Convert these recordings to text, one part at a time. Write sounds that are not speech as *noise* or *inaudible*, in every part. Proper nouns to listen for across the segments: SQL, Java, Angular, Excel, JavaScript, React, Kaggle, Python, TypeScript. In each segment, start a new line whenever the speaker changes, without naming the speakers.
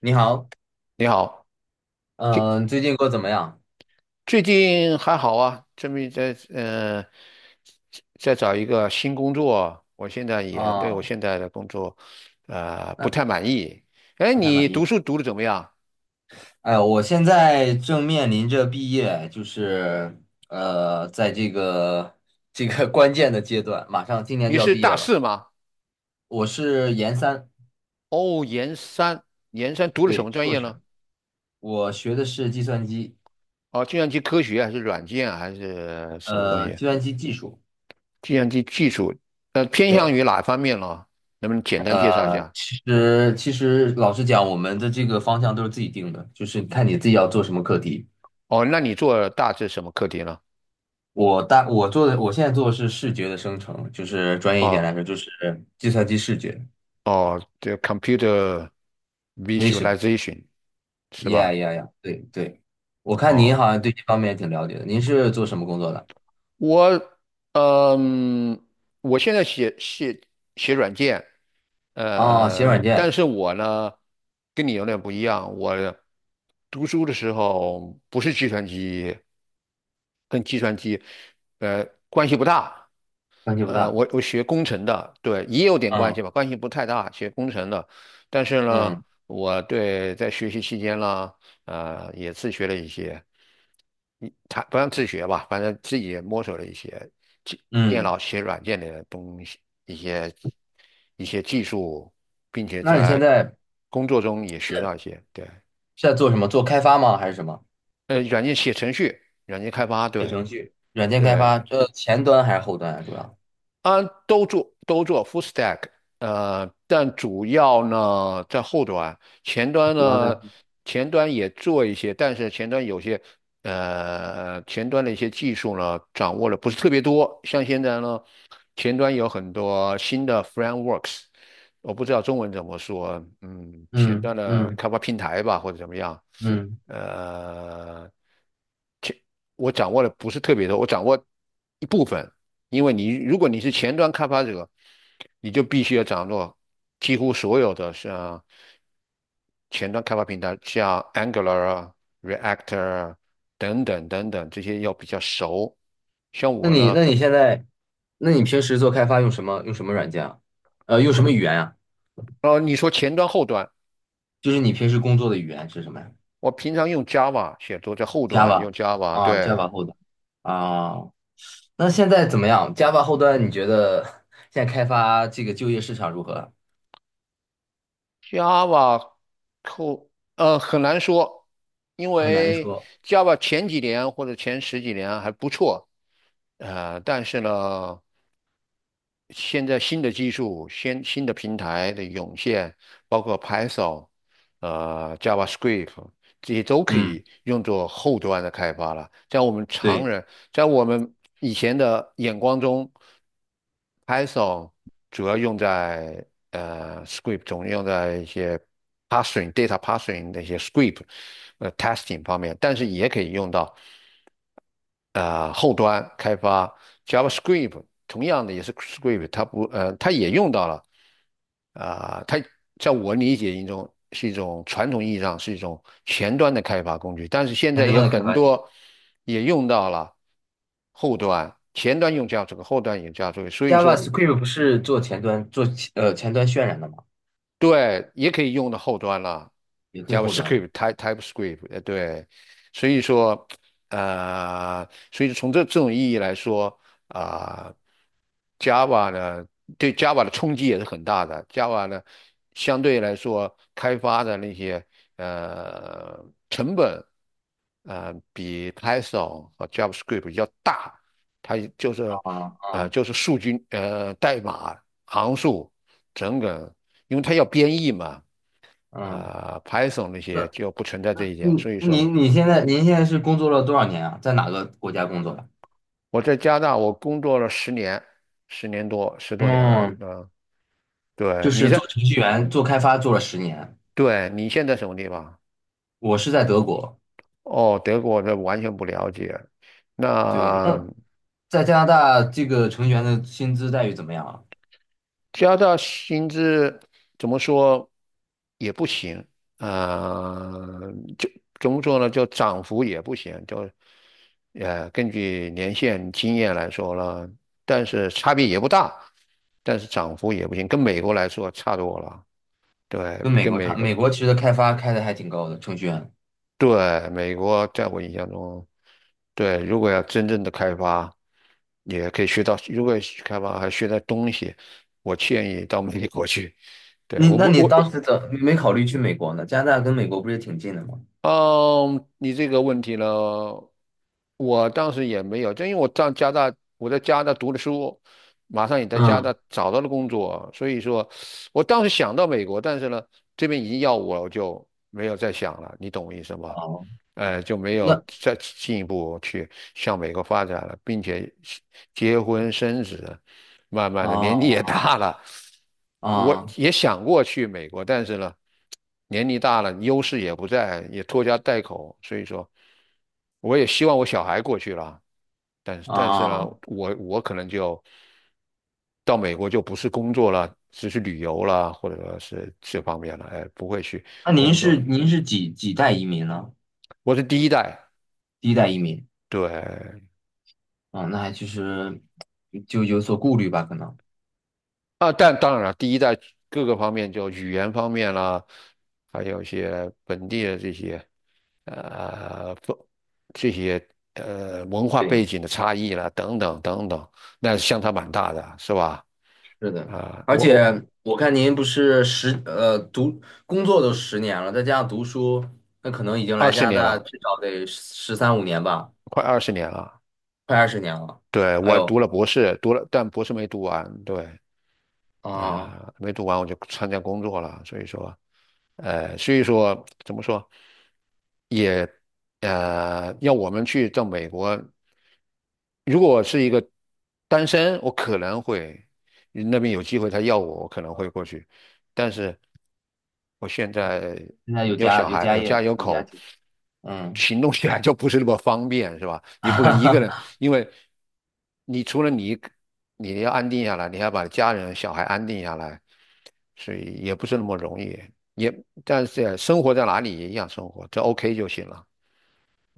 你好。
你好，最
嗯、最近过得怎么样？
最近还好啊，这边在找一个新工作，我现在也对我
啊？
现在的工作，不
那
太满意。哎，
不太
你
满
读
意。
书读的怎么样？
哎，我现在正面临着毕业，就是在这个 *laughs* 关键的阶段，马上今年
你
就要
是
毕业
大
了。
四吗？
我是研三，
哦，研三，研三读了什
对，
么专
硕
业呢？
士，我学的是计算机，
哦，计算机科学还是软件还是什么东西？
计算机技术。
计算机技术，偏向
对，
于哪方面呢？能不能简单介绍一
呃，
下？
其实其实老实讲，我们的这个方向都是自己定的，就是看你自己要做什么课题。
哦，那你做大致什么课题呢？
我现在做的是视觉的生成，就是专业一点
哦。
来说，就是计算机视觉
哦，这 computer
vision。Yeah,
visualization 是
yeah,
吧？
yeah,yeah，对对，我看您
哦，
好像对这方面也挺了解的，您是做什么工作的？
我嗯，我现在写软件，
哦，写软
但
件，
是我呢跟你有点不一样，我读书的时候不是计算机，跟计算机呃关系不大。
问题不
呃，
大。
我我学工程的，对，也有点关系
嗯
吧，关系不太大，学工程的。但是呢，
嗯
我对在学习期间呢，也自学了一些，他不让自学吧，反正自己也摸索了一些其电
嗯，
脑写软件的东西，一些一些技术，并且
那你现
在
在
工作中也学到一些，对，
是在做什么？做开发吗？还是什么？
软件写程序，软件开发，
写
对
程序，软件开
对，
发，这前端还是后端啊？主要
啊，都做 full stack，但主要呢在后端，前端
主要
呢
在
前端也做一些，但是前端的一些技术呢掌握的不是特别多，像现在呢前端有很多新的 frameworks，我不知道中文怎么说，前
嗯
端的
嗯
开发平台吧或者怎么样，
嗯，
呃。我掌握的不是特别多，我掌握一部分。因为如果你是前端开发者，你就必须要掌握几乎所有的像前端开发平台，像 Angular 啊、React 啊等等等等这些要比较熟。像
那
我
你
呢，
那你现在，那你平时做开发用什么软件啊？呃，用什么语言啊？
你说前端后端，
就是你平时工作的语言是什么呀
我平常用 Java 写作，在后端用
？Java
Java，
啊
对。
，Java 后端啊。那现在怎么样？Java 后端你觉得现在开发这个就业市场如何？
Java 扣很难说，因
很难
为
说。
Java 前几年或者前十几年还不错，但是呢，现在新的技术、新的平台的涌现，包括 Python、JavaScript 这些都可
嗯，
以用作后端的开发了。
对，
在我们以前的眼光中，Python 主要用在script 中，用在一些 parsing、data parsing 那些 script testing 方面，但是也可以用到。后端开发 JavaScript，同样的也是 script，它不呃它也用到了，它在我理解一种是一种传统意义上是一种前端的开发工具，但是现
前
在
端
有
的开
很
发技术
多也用到了后端，前端用 JavaScript，后端也 JavaScript，所以
，Java
说
Script 不是做前端做前端渲染的吗？
对，也可以用到后端了
也可以后端。
，JavaScript、TypeScript，对，所以说，所以从这种意义来说，啊、Java 呢，对 Java 的冲击也是很大的。Java 呢，相对来说开发的那些呃成本，比 Python 和 JavaScript 要大，它就是
啊
呃
啊
就是代码。行数，整个，因为它要编译嘛，
嗯，
Python 那些
那
就不存在这
那
一点。
嗯
所以
那
说，
您你现在您现在是工作了多少年啊？在哪个国家工作的？
我在加拿大我工作了十年，10年多，10多年了，
嗯，
嗯、对，
就是做程序员、做开发做了十年，
对，你现在什么地方？
我是在德国。
哦，德国这完全不了解。
对，
那
那在加拿大，这个程序员的薪资待遇怎么样啊？
加大薪资怎么说也不行，啊、就怎么说呢？就涨幅也不行，根据年限经验来说了，但是差别也不大，但是涨幅也不行，跟美国来说差多了。对，
跟美
跟
国
美
差，
国，
美国其实开发开的还挺高的，程序员。
对，美国在我印象中，对，如果要真正的开发，也可以学到，如果开发还学到东西，我建议到美国去。对，
你
我不，
那你
我
当
我
时怎么没考虑去美国呢？加拿大跟美国不是也挺近的吗？
嗯，你这个问题呢，我当时也没有，就因为我在加拿大，我在加拿大读的书，马上也在加拿
嗯，
大找到了工作，所以说，我当时想到美国，但是呢，这边已经要我，我就没有再想了，你懂我意思吗？
哦，
就没有
那
再进一步去向美国发展了，并且结婚生子，慢慢的年纪也
哦
大了，我
啊
也想过去美国，但是呢，年龄大了，优势也不在，也拖家带口，所以说，我也希望我小孩过去了，但是呢，
啊，
我可能就到美国就不是工作了，只是旅游了，或者说是这方面了，哎，不会去
那您
工作
是
了。
您是几代移民呢？
我是第一代，
第一代移民
对。
啊，那还其实就有所顾虑吧，可能。
啊，但当然了，第一代各个方面，就语言方面啦，还有一些本地的呃风这些文化
对。
背景的差异啦，等等等等，那是相差蛮大的，是吧？
是的，
啊、
而
我我
且我看您不是十呃读工作都十年了，再加上读书，那可能已经
二
来加
十
拿
年
大
了，
至少得13、15年吧，
快二十年了，
快20年了。
对，
哎
我读
呦
了博士，读了，但博士没读完，对。
啊，
没读完我就参加工作了，所以说，所以说怎么说，也要我们去到美国，如果我是一个单身，我可能会那边有机会，他要我，我可能会过去。但是我现在
现在有
有
家
小
有
孩，
家
有家
业
有
有家
口，
庭，嗯，
行动起来就不是那么方便，是吧？你不能一个人，
*laughs*
因为你除了你，你要安定下来，你还要把家人、小孩安定下来，所以也不是那么容易。也，但是生活在哪里也一样生活，这 OK 就行了。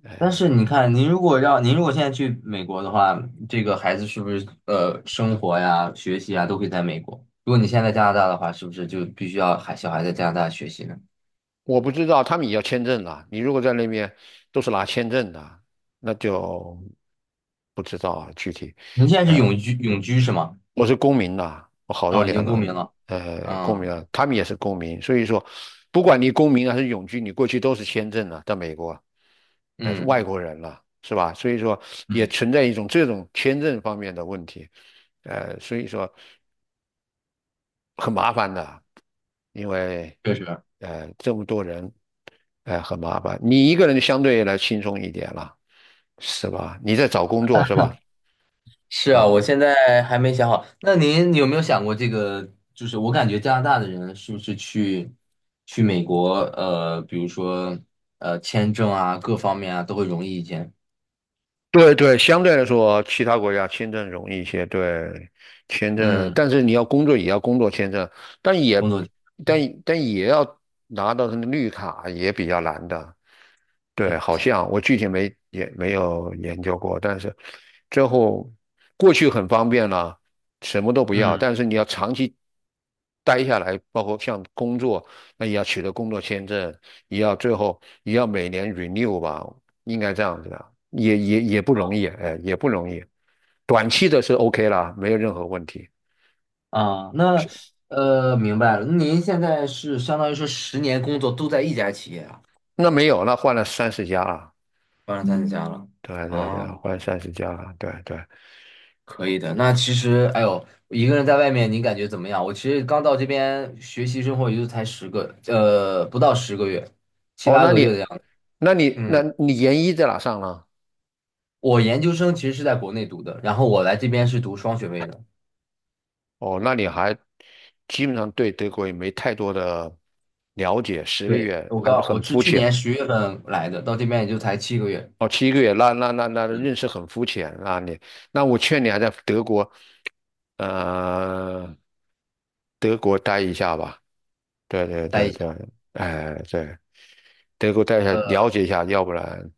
呃，
但是你看，您如果现在去美国的话，这个孩子是不是生活呀、学习啊都可以在美国？如果你现在在加拿大的话，是不是就必须要小孩在加拿大学习呢？
我不知道他们也要签证了，你如果在那边都是拿签证的，那就不知道啊具体。
您现在是永居是吗？
我是公民呐、我好多
哦，已
年
经
了，
公民了。
公
啊，
民啊，他们也是公民，所以说，不管你公民还是永居，你过去都是签证啊，在美国，是外
嗯，
国人了，是吧？所以说也
嗯，
存在一种这种签证方面的问题，所以说很麻烦的，因为
确实。
这么多人，很麻烦，你一个人相对来轻松一点了，是吧？你在找工作是吧？
是啊，我
啊，
现在还没想好。那您有没有想过这个？就是我感觉加拿大的人是不是去美国，呃，比如说呃签证啊，各方面啊都会容易一些。
对对，相对来说，其他国家签证容易一些。对，签证，
嗯，
但是你要工作也要工作签证，但也
工作，
但也要拿到他的绿卡也比较难的。对，好像我具体没也没有研究过，但是最后过去很方便了，什么都不要，
嗯，
但是你要长期待下来，包括像工作，那也要取得工作签证，也要最后也要每年 renew 吧，应该这样子的，也不容易，哎，也不容易。短期的是 OK 啦，没有任何问题。
啊，那呃明白了。那您现在是相当于说十年工作都在一家企业啊，
那没有，那换了三十家了，
当然咱家了
对对对，
啊。
换三十家了，对对。
可以的，那其实，哎呦，一个人在外面，你感觉怎么样？我其实刚到这边学习生活，也就才十个，呃，不到10个月，七
哦，
八个月的样子。
那
嗯，
你研一在哪上呢？
我研究生其实是在国内读的，然后我来这边是读双学位的。
哦，那你还基本上对德国也没太多的了解，十个
对，
月
我
还是
刚，
很
我是
肤
去
浅。
年10月份来的，到这边也就才7个月。
哦，7个月，那
嗯，
认识很肤浅。那我劝你还在德国，呃，德国待一下吧。对对
待
对
一
对，
下，
哎对，德国待一下，
呃，
了解一下，要不然，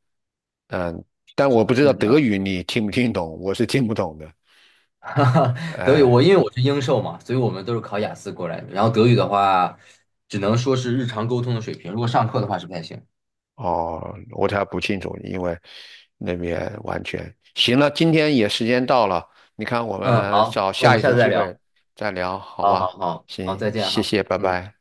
嗯，但我不知道
是这
德
样。
语你听不听懂，我是听不懂的。
*laughs* 哈哈，德语
哎、
我因为我是英授嘛，所以我们都是考雅思过来的。然后德语的话，只能说是日常沟通的水平，如果上课的话是不太行。
哦，我才不清楚，因为那边完全行了。今天也时间到了，你看我
嗯，
们
好，
找
那我
下
们
一
下
次
次再
机会
聊。
再聊，好
好好
吧？
好好，
行，
再见
谢
哈，
谢，拜
嗯。
拜。